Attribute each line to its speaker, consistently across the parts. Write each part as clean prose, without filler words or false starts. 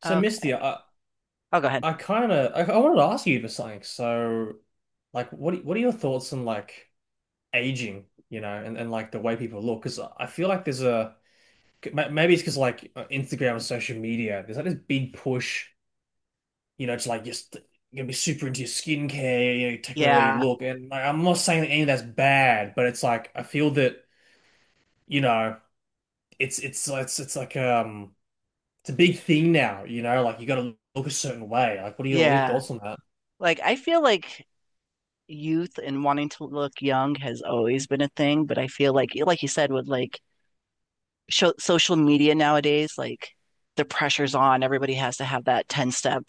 Speaker 1: So
Speaker 2: Okay.
Speaker 1: Misty,
Speaker 2: I'll go ahead.
Speaker 1: I kind of I wanted to ask you for something. Like, what are your thoughts on like aging, you know, and, like the way people look? Because I feel like there's a maybe it's because like Instagram and social media, there's like this big push, you know, to like just you're gonna be super into your skincare, you know, you take away the way you
Speaker 2: Yeah.
Speaker 1: look. And like, I'm not saying that any of that's bad, but it's like I feel that you know it's like it's a big thing now, you know, like you got to look a certain way. Like, what are your
Speaker 2: Yeah.
Speaker 1: thoughts on that?
Speaker 2: Like I feel like youth and wanting to look young has always been a thing, but I feel like you said with like sho social media nowadays, like the pressure's on. Everybody has to have that 10 step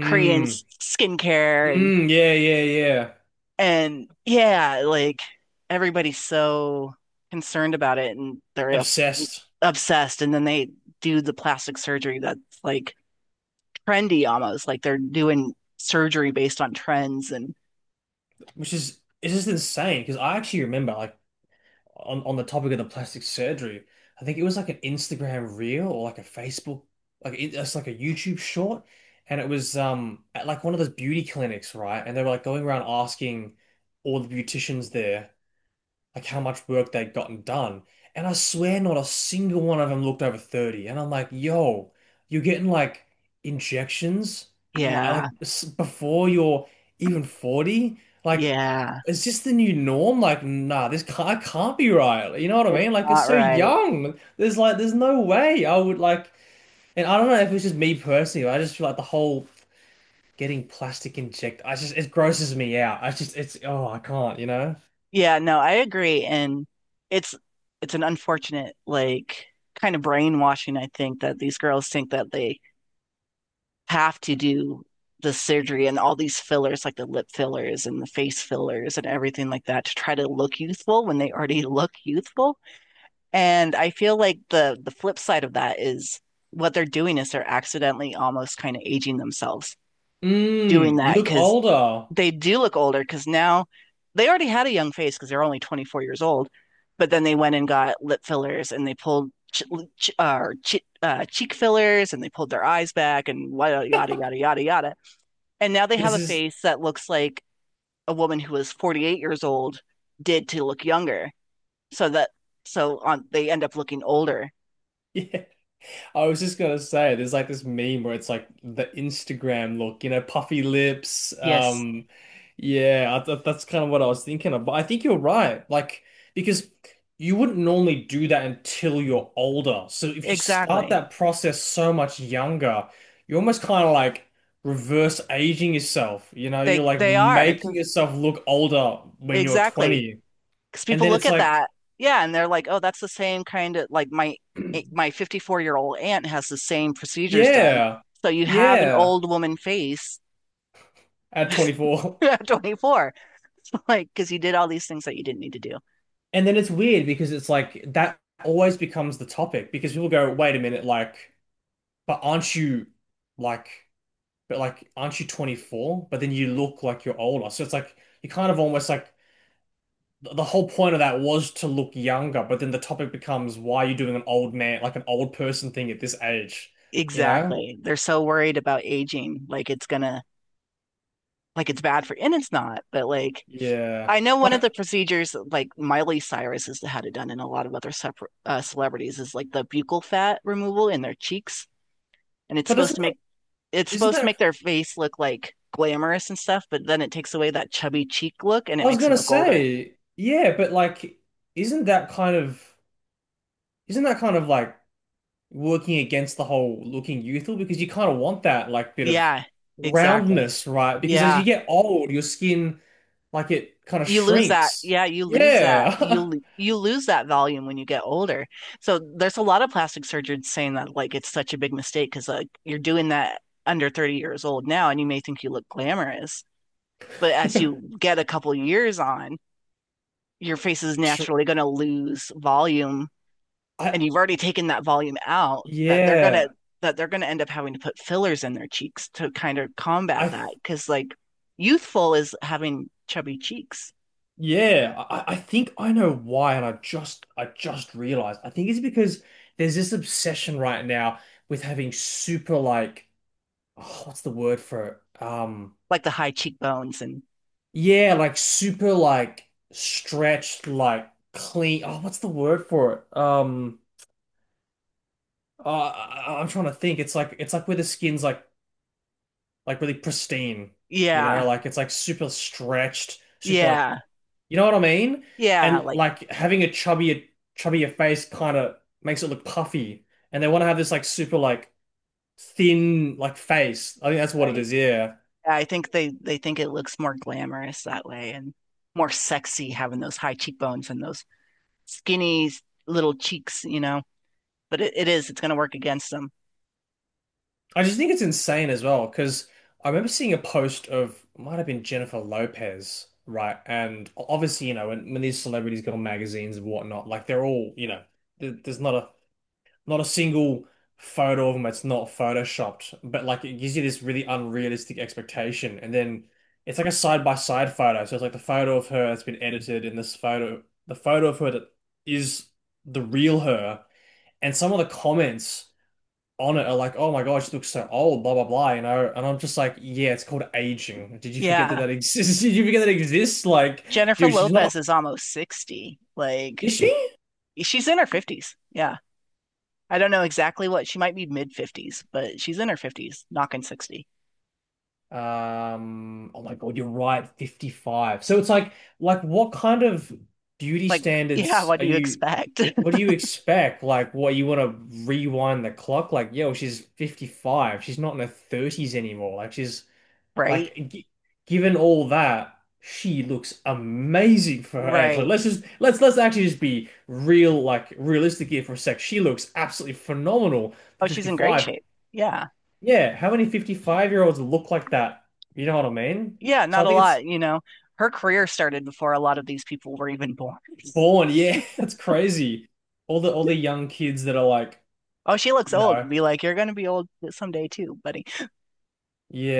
Speaker 2: Korean skincare and
Speaker 1: Mm, yeah, yeah, yeah.
Speaker 2: and yeah, like everybody's so concerned about it and they're
Speaker 1: Obsessed,
Speaker 2: obsessed and then they do the plastic surgery that's like trendy almost, like they're doing surgery based on trends and
Speaker 1: which is it's just insane because I actually remember like on the topic of the plastic surgery, I think it was like an Instagram reel or like a Facebook, like it's like a YouTube short, and it was at like one of those beauty clinics, right? And they were like going around asking all the beauticians there, like how much work they'd gotten done. And I swear not a single one of them looked over 30. And I'm like, yo, you're getting like injections like,
Speaker 2: yeah,
Speaker 1: before you're even 40? Like,
Speaker 2: yeah.
Speaker 1: is this the new norm? Like, nah, this can't be right. You know what I
Speaker 2: It's
Speaker 1: mean? Like, you're
Speaker 2: not
Speaker 1: so
Speaker 2: right.
Speaker 1: young. There's like, there's no way I would like, and I don't know if it's just me personally, but I just feel like the whole getting plastic inject, I just, it grosses me out. I just, it's, oh, I can't, you know?
Speaker 2: Yeah, no, I agree. And it's it's an unfortunate, like kind of brainwashing, I think, that these girls think that they have to do the surgery and all these fillers, like the lip fillers and the face fillers and everything like that to try to look youthful when they already look youthful. And I feel like the flip side of that is what they're doing is they're accidentally almost kind of aging themselves doing
Speaker 1: Mm, you
Speaker 2: that
Speaker 1: look
Speaker 2: because
Speaker 1: older.
Speaker 2: they do look older because now they already had a young face because they're only 24 years old, but then they went and got lip fillers and they pulled cheek fillers and they pulled their eyes back and yada, yada, yada, yada, yada. And now they have
Speaker 1: This
Speaker 2: a
Speaker 1: is,
Speaker 2: face that looks like a woman who was 48 years old did to look younger. So that, so on, they end up looking older.
Speaker 1: yeah, I was just gonna say, there's like this meme where it's like the Instagram look, you know, puffy lips.
Speaker 2: Yes,
Speaker 1: Yeah, I th that's kind of what I was thinking of. But I think you're right. Like, because you wouldn't normally do that until you're older. So if you start
Speaker 2: exactly.
Speaker 1: that process so much younger, you're almost kind of like reverse aging yourself. You know, you're
Speaker 2: They
Speaker 1: like
Speaker 2: they are,
Speaker 1: making yourself look older when you're
Speaker 2: exactly,
Speaker 1: 20.
Speaker 2: because
Speaker 1: And
Speaker 2: people
Speaker 1: then
Speaker 2: look
Speaker 1: it's
Speaker 2: at
Speaker 1: like,
Speaker 2: that, yeah, and they're like, oh, that's the same kind of like my my 54-year-old aunt has the same procedures done.
Speaker 1: yeah.
Speaker 2: So you have an
Speaker 1: Yeah.
Speaker 2: old woman face
Speaker 1: At 24.
Speaker 2: at 24, like because you did all these things that you didn't need to do.
Speaker 1: And then it's weird because it's like that always becomes the topic because people go, wait a minute, like, but aren't you like, but like, aren't you 24? But then you look like you're older. So it's like, you kind of almost like the whole point of that was to look younger, but then the topic becomes why are you doing an old man, like an old person thing at this age, you know?
Speaker 2: Exactly. They're so worried about aging, like it's gonna, like it's bad for, and it's not, but like
Speaker 1: Yeah.
Speaker 2: I know one of
Speaker 1: Like,
Speaker 2: the procedures, like Miley Cyrus has had it done, and a lot of other celebrities is like the buccal fat removal in their cheeks, and
Speaker 1: but doesn't that,
Speaker 2: it's
Speaker 1: isn't
Speaker 2: supposed to
Speaker 1: that
Speaker 2: make their face look like glamorous and stuff, but then it takes away that chubby cheek look and
Speaker 1: I
Speaker 2: it
Speaker 1: was
Speaker 2: makes them
Speaker 1: gonna
Speaker 2: look older.
Speaker 1: say, yeah, but like, isn't that kind of like working against the whole looking youthful? Because you kind of want that like bit of
Speaker 2: Yeah, exactly.
Speaker 1: roundness, right? Because as
Speaker 2: Yeah.
Speaker 1: you get old, your skin like it kind of
Speaker 2: You lose that,
Speaker 1: shrinks.
Speaker 2: yeah,
Speaker 1: Yeah,
Speaker 2: you lose that volume when you get older, so there's a lot of plastic surgeons saying that like it's such a big mistake because like you're doing that under 30 years old now and you may think you look glamorous, but as you get a couple years on, your face is
Speaker 1: Shr-
Speaker 2: naturally going to lose volume
Speaker 1: I
Speaker 2: and you've already taken that volume out that they're going to
Speaker 1: yeah,
Speaker 2: that they're going to end up having to put fillers in their cheeks to kind of
Speaker 1: I
Speaker 2: combat
Speaker 1: th
Speaker 2: that because like youthful is having chubby cheeks,
Speaker 1: yeah, I think I know why, and I just realized. I think it's because there's this obsession right now with having super like oh, what's the word for it?
Speaker 2: like the high cheekbones, and
Speaker 1: Yeah, like super like stretched, like clean. Oh, what's the word for it? I'm trying to think. It's like where the skin's like really pristine, you
Speaker 2: yeah.
Speaker 1: know, like it's like super stretched, super like
Speaker 2: Yeah.
Speaker 1: you know what I mean?
Speaker 2: Yeah,
Speaker 1: And
Speaker 2: like,
Speaker 1: like having a chubbier face kind of makes it look puffy. And they want to have this like super like thin like face. I think that's what it
Speaker 2: right.
Speaker 1: is. Yeah.
Speaker 2: I think they think it looks more glamorous that way and more sexy having those high cheekbones and those skinny little cheeks, you know. But it's gonna work against them.
Speaker 1: I just think it's insane as well because I remember seeing a post of might have been Jennifer Lopez, right? And obviously, you know, when these celebrities go on magazines and whatnot, like they're all, you know, there's not a single photo of them that's not photoshopped, but like it gives you this really unrealistic expectation, and then it's like a side by side photo. So it's like the photo of her that's been edited, and this photo, the photo of her that is the real her, and some of the comments on it are like, oh my God, she looks so old, blah blah blah, you know. And I'm just like, yeah, it's called aging. Did you forget that
Speaker 2: Yeah.
Speaker 1: that exists? Did you forget that it exists? Like,
Speaker 2: Jennifer
Speaker 1: dude, she's not,
Speaker 2: Lopez is almost 60. Like,
Speaker 1: is she?
Speaker 2: she's in her 50s. Yeah. I don't know exactly, what she might be, mid 50s, but she's in her 50s, knocking 60.
Speaker 1: Oh my God, you're right, 55. So it's like what kind of beauty
Speaker 2: Like, yeah,
Speaker 1: standards
Speaker 2: what
Speaker 1: are
Speaker 2: do you
Speaker 1: you?
Speaker 2: expect?
Speaker 1: What do you expect? Like, what you want to rewind the clock? Like, yo, she's 55. She's not in her 30s anymore. Like, she's
Speaker 2: Right?
Speaker 1: like, g given all that, she looks amazing for her age. Like,
Speaker 2: Right.
Speaker 1: let's actually just be real, like realistic here for a sec. She looks absolutely phenomenal for
Speaker 2: Oh, she's in great
Speaker 1: 55.
Speaker 2: shape. Yeah.
Speaker 1: Yeah, how many 55-year-olds look like that? You know what I mean?
Speaker 2: Yeah,
Speaker 1: So
Speaker 2: not
Speaker 1: I
Speaker 2: a
Speaker 1: think it's
Speaker 2: lot, you know. Her career started before a lot of these people were even born.
Speaker 1: born. Yeah, it's crazy. All the young kids that are like,
Speaker 2: Oh, she looks
Speaker 1: you
Speaker 2: old.
Speaker 1: know,
Speaker 2: Be like, you're gonna be old someday too, buddy.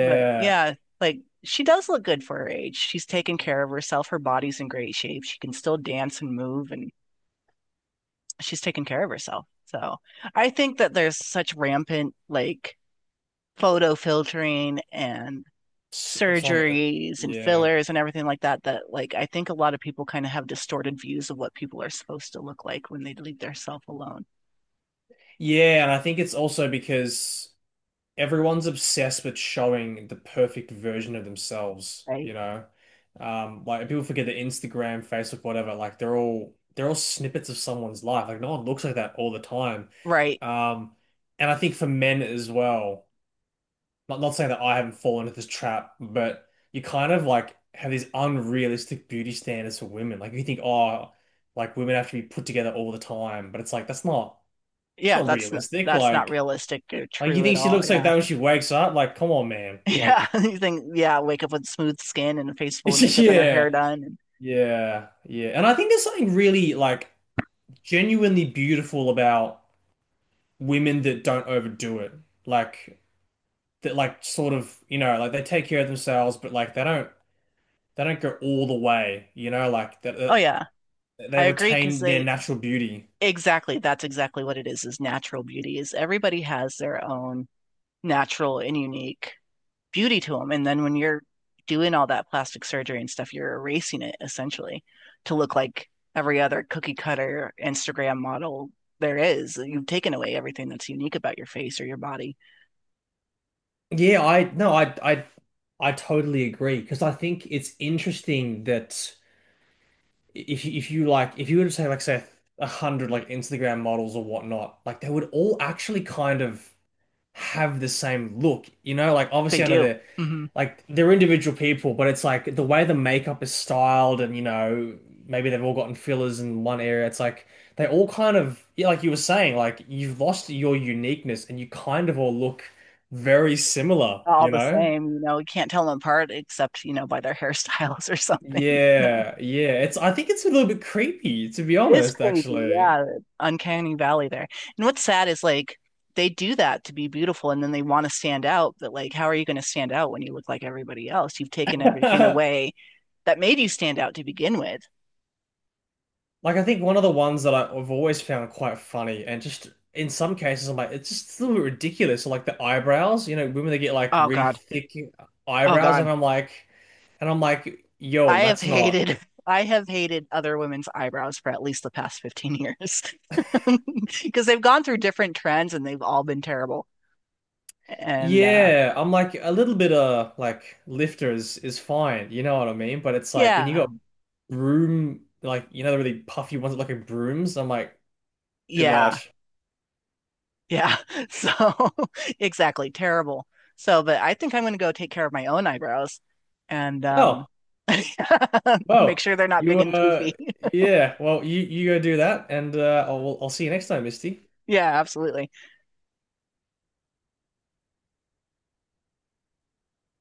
Speaker 2: But yeah, like she does look good for her age. She's taken care of herself. Her body's in great shape. She can still dance and move, and she's taken care of herself. So I think that there's such rampant like photo filtering and
Speaker 1: it's on.
Speaker 2: surgeries and
Speaker 1: Yeah.
Speaker 2: fillers and everything like that, that like I think a lot of people kind of have distorted views of what people are supposed to look like when they leave their self alone.
Speaker 1: Yeah, and I think it's also because everyone's obsessed with showing the perfect version of themselves,
Speaker 2: Right?
Speaker 1: you know? Like people forget that Instagram, Facebook, whatever, like they're all snippets of someone's life. Like no one looks like that all the time.
Speaker 2: Right.
Speaker 1: Um, and I think for men as well, not saying that I haven't fallen into this trap, but you kind of like have these unrealistic beauty standards for women. Like you think, oh, like women have to be put together all the time, but it's like that's not it's
Speaker 2: Yeah,
Speaker 1: not
Speaker 2: that's not,
Speaker 1: realistic.
Speaker 2: that's not
Speaker 1: Like.
Speaker 2: realistic or
Speaker 1: Like you
Speaker 2: true at
Speaker 1: think she
Speaker 2: all.
Speaker 1: looks like
Speaker 2: Yeah.
Speaker 1: that when she wakes up? Like, come on, man.
Speaker 2: Yeah.
Speaker 1: Like,
Speaker 2: You think, yeah, wake up with smooth skin and a face full of makeup and her hair
Speaker 1: yeah,
Speaker 2: done. And,
Speaker 1: yeah. And I think there's something really like genuinely beautiful about women that don't overdo it. Like that, like sort of, you know, like they take care of themselves, but like they don't go all the way. You know, like
Speaker 2: oh yeah,
Speaker 1: that they
Speaker 2: I agree because
Speaker 1: retain their
Speaker 2: they
Speaker 1: natural beauty.
Speaker 2: exactly, that's exactly what it is natural beauty is everybody has their own natural and unique beauty to them. And then when you're doing all that plastic surgery and stuff, you're erasing it essentially to look like every other cookie cutter Instagram model there is. You've taken away everything that's unique about your face or your body.
Speaker 1: Yeah, I no, I totally agree because I think it's interesting that, if you like if you were to say like say 100 like Instagram models or whatnot, like they would all actually kind of have the same look, you know? Like
Speaker 2: They
Speaker 1: obviously I know
Speaker 2: do.
Speaker 1: they're
Speaker 2: hmm
Speaker 1: like they're individual people, but it's like the way the makeup is styled and you know maybe they've all gotten fillers in one area. It's like they all kind of yeah, like you were saying, like you've lost your uniqueness and you kind of all look very similar,
Speaker 2: all
Speaker 1: you
Speaker 2: the
Speaker 1: know?
Speaker 2: same, you know, you can't tell them apart except, you know, by their hairstyles or something, you know.
Speaker 1: Yeah, yeah. It's I think it's a little bit creepy, to be
Speaker 2: It is
Speaker 1: honest,
Speaker 2: creepy,
Speaker 1: actually.
Speaker 2: yeah. Uncanny Valley there. And what's sad is like they do that to be beautiful and then they want to stand out, but like how are you going to stand out when you look like everybody else? You've taken everything away that made you stand out to begin with.
Speaker 1: Like I think one of the ones that I've always found quite funny, and just in some cases, I'm like, it's just a little bit ridiculous. Like the eyebrows, you know, women that get like
Speaker 2: Oh
Speaker 1: really
Speaker 2: God.
Speaker 1: thick
Speaker 2: Oh
Speaker 1: eyebrows, and
Speaker 2: God.
Speaker 1: I'm like,
Speaker 2: I
Speaker 1: yo,
Speaker 2: have
Speaker 1: that's not.
Speaker 2: hated I have hated other women's eyebrows for at least the past 15 years because they've gone through different trends and they've all been terrible. And uh,
Speaker 1: Yeah, I'm like a little bit of like lifters is fine, you know what I mean? But it's like when you
Speaker 2: Yeah.
Speaker 1: got broom, like you know the really puffy ones that look like brooms. I'm like too
Speaker 2: Yeah.
Speaker 1: much.
Speaker 2: Yeah. So, exactly. Terrible. So, but I think I'm going to go take care of my own eyebrows and
Speaker 1: Oh,
Speaker 2: make
Speaker 1: well,
Speaker 2: sure they're not
Speaker 1: you
Speaker 2: big and poofy.
Speaker 1: yeah. Well, you go do that, and I'll see you next time, Misty.
Speaker 2: Yeah, absolutely.